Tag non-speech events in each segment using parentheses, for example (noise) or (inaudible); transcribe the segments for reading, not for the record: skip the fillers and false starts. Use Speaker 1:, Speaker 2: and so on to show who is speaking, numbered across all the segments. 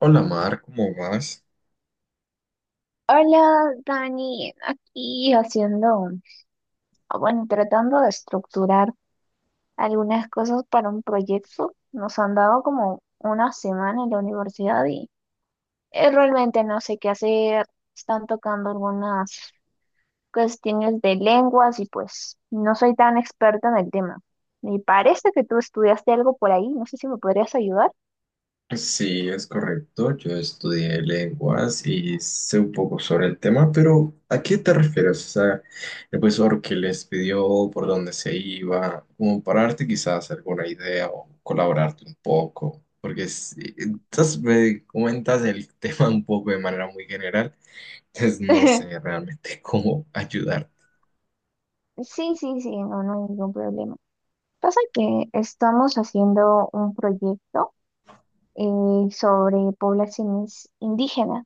Speaker 1: Hola Mar, ¿cómo vas?
Speaker 2: Hola, Dani, aquí haciendo, bueno, tratando de estructurar algunas cosas para un proyecto. Nos han dado como una semana en la universidad y realmente no sé qué hacer. Están tocando algunas cuestiones de lenguas y pues no soy tan experta en el tema. Me parece que tú estudiaste algo por ahí, no sé si me podrías ayudar.
Speaker 1: Pues sí, es correcto. Yo estudié lenguas y sé un poco sobre el tema, pero ¿a qué te refieres? O sea, el profesor que les pidió por dónde se iba, como para darte quizás alguna idea o colaborarte un poco, porque sí, entonces me comentas el (laughs) tema un poco de manera muy general, entonces no sé
Speaker 2: (laughs)
Speaker 1: realmente (laughs) cómo ayudarte.
Speaker 2: Sí, sí, sí, no, no hay ningún problema. Pasa que estamos haciendo un proyecto sobre poblaciones indígenas.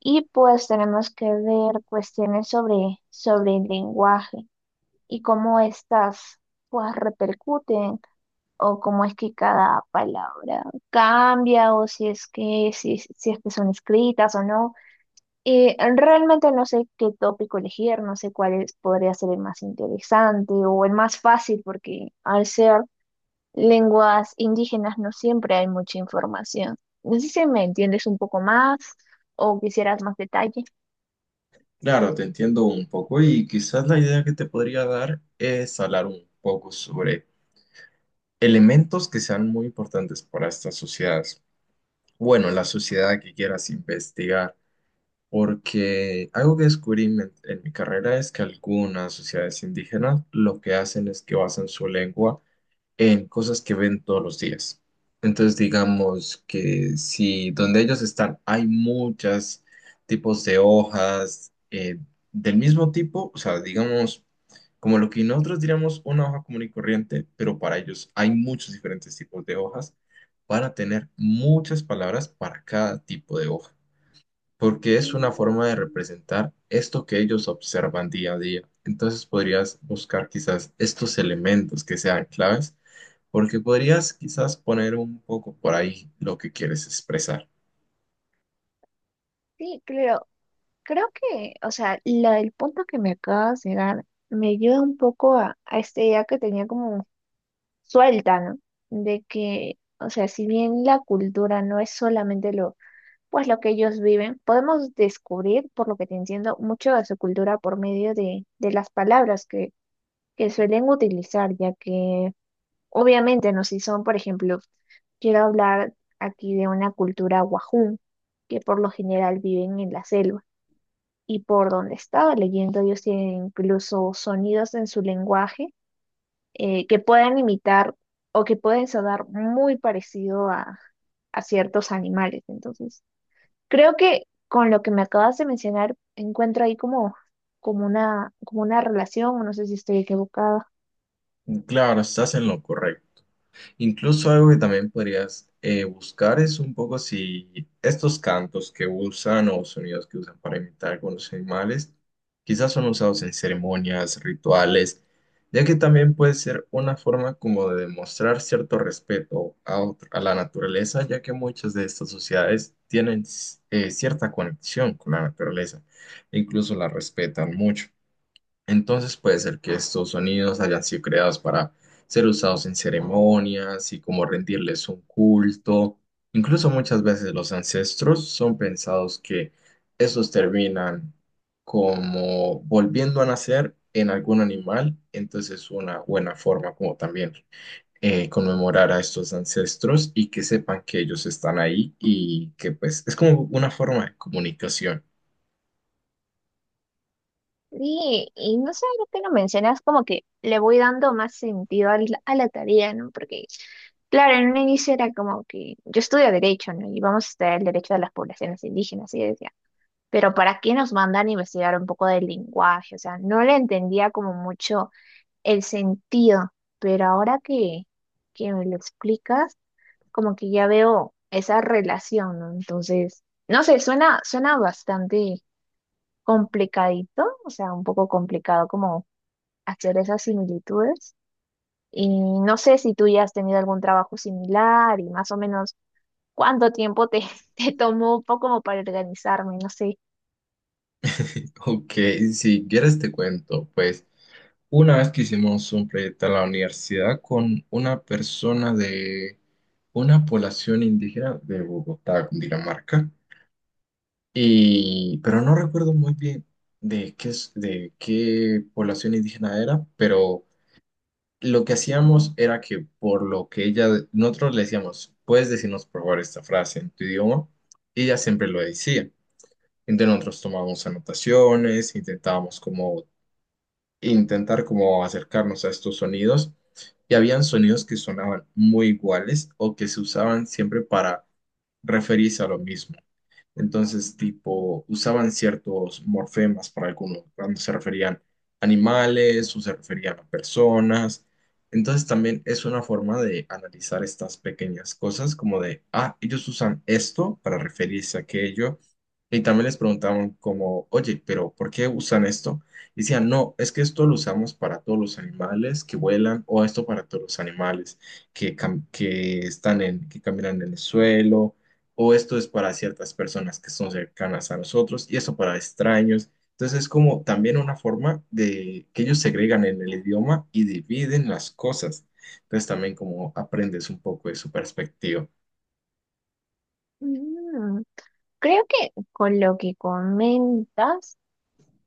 Speaker 2: Y pues tenemos que ver cuestiones sobre el lenguaje y cómo estas pues repercuten o cómo es que cada palabra cambia o si es que, si es que son escritas o no. Realmente no sé qué tópico elegir, no sé podría ser el más interesante o el más fácil porque al ser lenguas indígenas no siempre hay mucha información. No sé si me entiendes un poco más o quisieras más detalle.
Speaker 1: Claro, te entiendo un poco y quizás la idea que te podría dar es hablar un poco sobre elementos que sean muy importantes para estas sociedades. Bueno, la sociedad que quieras investigar, porque algo que descubrí en mi carrera es que algunas sociedades indígenas lo que hacen es que basan su lengua en cosas que ven todos los días. Entonces, digamos que si donde ellos están hay muchos tipos de hojas del mismo tipo, o sea, digamos, como lo que nosotros diríamos una hoja común y corriente, pero para ellos hay muchos diferentes tipos de hojas, para tener muchas palabras para cada tipo de hoja porque es una forma de
Speaker 2: Mm,
Speaker 1: representar esto que ellos observan día a día. Entonces podrías buscar quizás estos elementos que sean claves, porque podrías quizás poner un poco por ahí lo que quieres expresar.
Speaker 2: sí, creo que, o sea, el punto que me acabas de dar me ayuda un poco a esta idea que tenía como suelta, ¿no? De que, o sea, si bien la cultura no es solamente lo, pues lo que ellos viven, podemos descubrir, por lo que te entiendo, mucho de su cultura por medio de las palabras que suelen utilizar, ya que obviamente, no si son, por ejemplo, quiero hablar aquí de una cultura wajún, que por lo general viven en la selva. Y por donde estaba leyendo, ellos tienen incluso sonidos en su lenguaje que pueden imitar o que pueden sonar muy parecido a ciertos animales. Entonces, creo que con lo que me acabas de mencionar, encuentro ahí como, como una relación, o no sé si estoy equivocada.
Speaker 1: Claro, estás en lo correcto. Incluso algo que también podrías buscar es un poco si estos cantos que usan o sonidos que usan para imitar algunos animales, quizás son usados en ceremonias, rituales, ya que también puede ser una forma como de demostrar cierto respeto a, a la naturaleza, ya que muchas de estas sociedades tienen cierta conexión con la naturaleza, incluso la respetan mucho. Entonces puede ser que estos sonidos hayan sido creados para ser usados en ceremonias y como rendirles un culto. Incluso muchas veces los ancestros son pensados que estos terminan como volviendo a nacer en algún animal. Entonces es una buena forma como también conmemorar a estos ancestros y que sepan que ellos están ahí y que pues es como una forma de comunicación.
Speaker 2: Sí, y no sé, ahora que lo mencionas, como que le voy dando más sentido a la tarea, ¿no? Porque, claro, en un inicio era como que yo estudio derecho, ¿no? Y vamos a estudiar el derecho de las poblaciones indígenas, y yo decía, pero ¿para qué nos mandan a investigar un poco del lenguaje? O sea, no le entendía como mucho el sentido, pero ahora que me lo explicas, como que ya veo esa relación, ¿no? Entonces, no sé, suena, suena bastante complicadito, o sea, un poco complicado como hacer esas similitudes. Y no sé si tú ya has tenido algún trabajo similar y más o menos cuánto tiempo te, (laughs) te tomó un poco como para organizarme, no sé.
Speaker 1: Ok, si quieres te cuento, pues. Una vez que hicimos un proyecto en la universidad con una persona de una población indígena de Bogotá, Cundinamarca, y, pero no recuerdo muy bien de de qué población indígena era, pero lo que hacíamos era que por lo que ella, nosotros le decíamos, puedes decirnos por favor esta frase en tu idioma, y ella siempre lo decía. Entonces nosotros tomábamos anotaciones, intentábamos como intentar como acercarnos a estos sonidos y habían sonidos que sonaban muy iguales o que se usaban siempre para referirse a lo mismo. Entonces, tipo, usaban ciertos morfemas para algunos, cuando se referían a animales o se referían a personas. Entonces, también es una forma de analizar estas pequeñas cosas, como de, ah, ellos usan esto para referirse a aquello y también les preguntaban como, oye, pero ¿por qué usan esto? Y decían, no, es que esto lo usamos para todos los animales que vuelan o esto para todos los animales que, que están que caminan en el suelo o esto es para ciertas personas que son cercanas a nosotros y esto para extraños. Entonces es como también una forma de que ellos segregan en el idioma y dividen las cosas. Entonces también como aprendes un poco de su perspectiva.
Speaker 2: Mm, creo que con lo que comentas.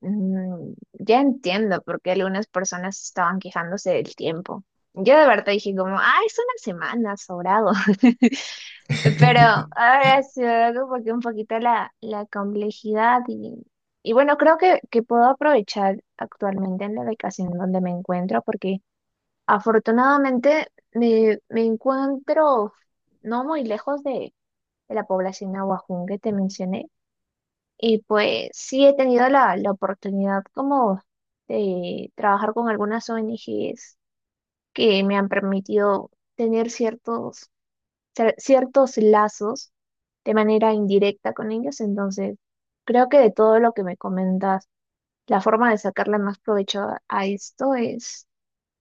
Speaker 2: Mm, ya entiendo por qué algunas personas estaban quejándose del tiempo. Yo de verdad dije como, ah, es una semana, sobrado. (laughs) Pero
Speaker 1: (laughs)
Speaker 2: ahora se ve como que un poquito la complejidad y bueno, creo que puedo aprovechar actualmente en la ubicación donde me encuentro porque afortunadamente me, me encuentro no muy lejos de la población Ahuajún que te mencioné. Y pues sí he tenido la oportunidad como de trabajar con algunas ONGs que me han permitido tener ciertos, ciertos lazos de manera indirecta con ellos. Entonces, creo que de todo lo que me comentas, la forma de sacarle más provecho a esto es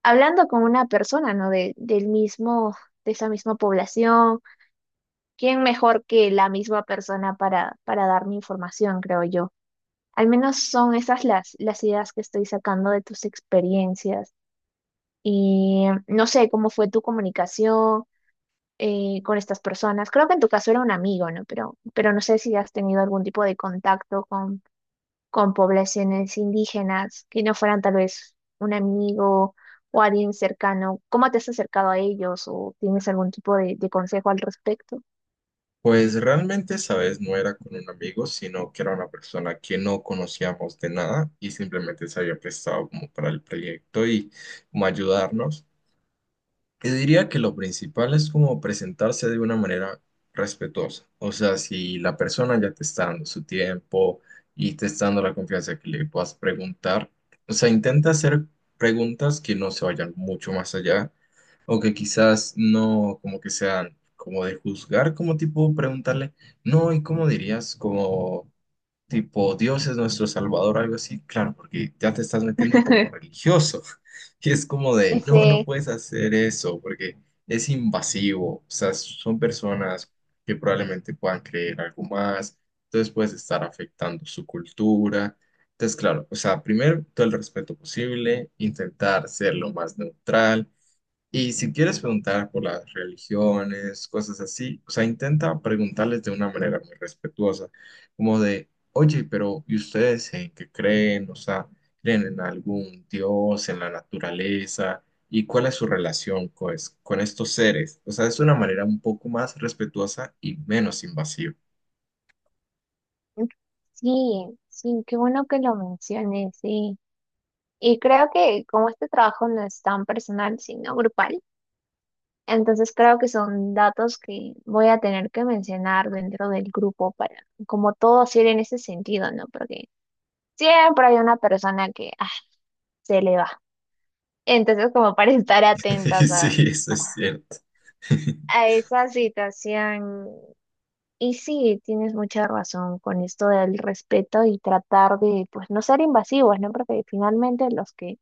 Speaker 2: hablando con una persona, ¿no? De, del mismo, de esa misma población. ¿Quién mejor que la misma persona para darme información, creo yo? Al menos son esas las ideas que estoy sacando de tus experiencias. Y no sé cómo fue tu comunicación con estas personas. Creo que en tu caso era un amigo, ¿no? Pero no sé si has tenido algún tipo de contacto con poblaciones indígenas que no fueran tal vez un amigo o alguien cercano. ¿Cómo te has acercado a ellos o tienes algún tipo de consejo al respecto?
Speaker 1: Pues realmente, esa vez no era con un amigo, sino que era una persona que no conocíamos de nada y simplemente se había prestado como para el proyecto y como ayudarnos. Y diría que lo principal es como presentarse de una manera respetuosa. O sea, si la persona ya te está dando su tiempo y te está dando la confianza que le puedas preguntar, o sea, intenta hacer preguntas que no se vayan mucho más allá o que quizás no como que sean como de juzgar, como tipo preguntarle, no, ¿y cómo dirías? Como tipo, Dios es nuestro Salvador, algo así, claro, porque ya te estás metiendo por lo
Speaker 2: (laughs)
Speaker 1: religioso. (laughs) Y es como de, no, no
Speaker 2: Ese,
Speaker 1: puedes hacer eso, porque es invasivo. O sea, son personas que probablemente puedan creer algo más, entonces puedes estar afectando su cultura. Entonces, claro, o sea, primero todo el respeto posible, intentar ser lo más neutral y si quieres preguntar por las religiones, cosas así, o sea, intenta preguntarles de una manera muy respetuosa, como de, oye, pero ¿y ustedes en qué creen? O sea, ¿creen en algún dios, en la naturaleza? ¿Y cuál es su relación con, estos seres? O sea, es una manera un poco más respetuosa y menos invasiva.
Speaker 2: sí, sí, qué bueno que lo menciones, sí. Y creo que como este trabajo no es tan personal, sino grupal, entonces creo que son datos que voy a tener que mencionar dentro del grupo para como todo hacer en ese sentido, ¿no? Porque siempre hay una persona que se le va. Entonces como para (laughs) estar
Speaker 1: (laughs) Y
Speaker 2: atentas
Speaker 1: sí, eso es cierto. (laughs)
Speaker 2: a esa situación. Y sí, tienes mucha razón con esto del respeto y tratar de pues no ser invasivos, ¿no? Porque finalmente los que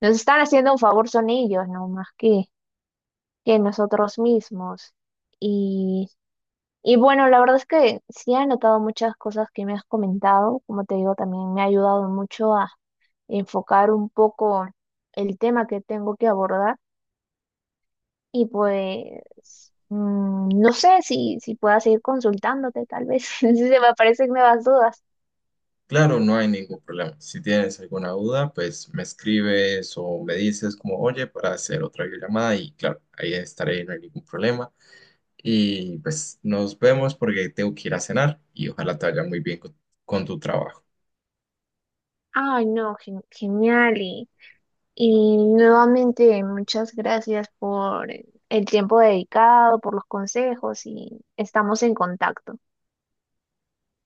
Speaker 2: nos están haciendo un favor son ellos, ¿no? Más que nosotros mismos. Y, y bueno, la verdad es que sí he anotado muchas cosas que me has comentado. Como te digo, también me ha ayudado mucho a enfocar un poco el tema que tengo que abordar. Y pues, mm, no sé si, si pueda seguir consultándote, tal vez, (laughs) si se me aparecen nuevas dudas.
Speaker 1: Claro, no hay ningún problema. Si tienes alguna duda, pues me escribes o me dices como, oye, para hacer otra videollamada y claro, ahí estaré, no hay ningún problema. Y pues nos vemos porque tengo que ir a cenar y ojalá te vaya muy bien con tu trabajo.
Speaker 2: Ay, no, genial. Y nuevamente, muchas gracias por el tiempo dedicado, por los consejos y estamos en contacto.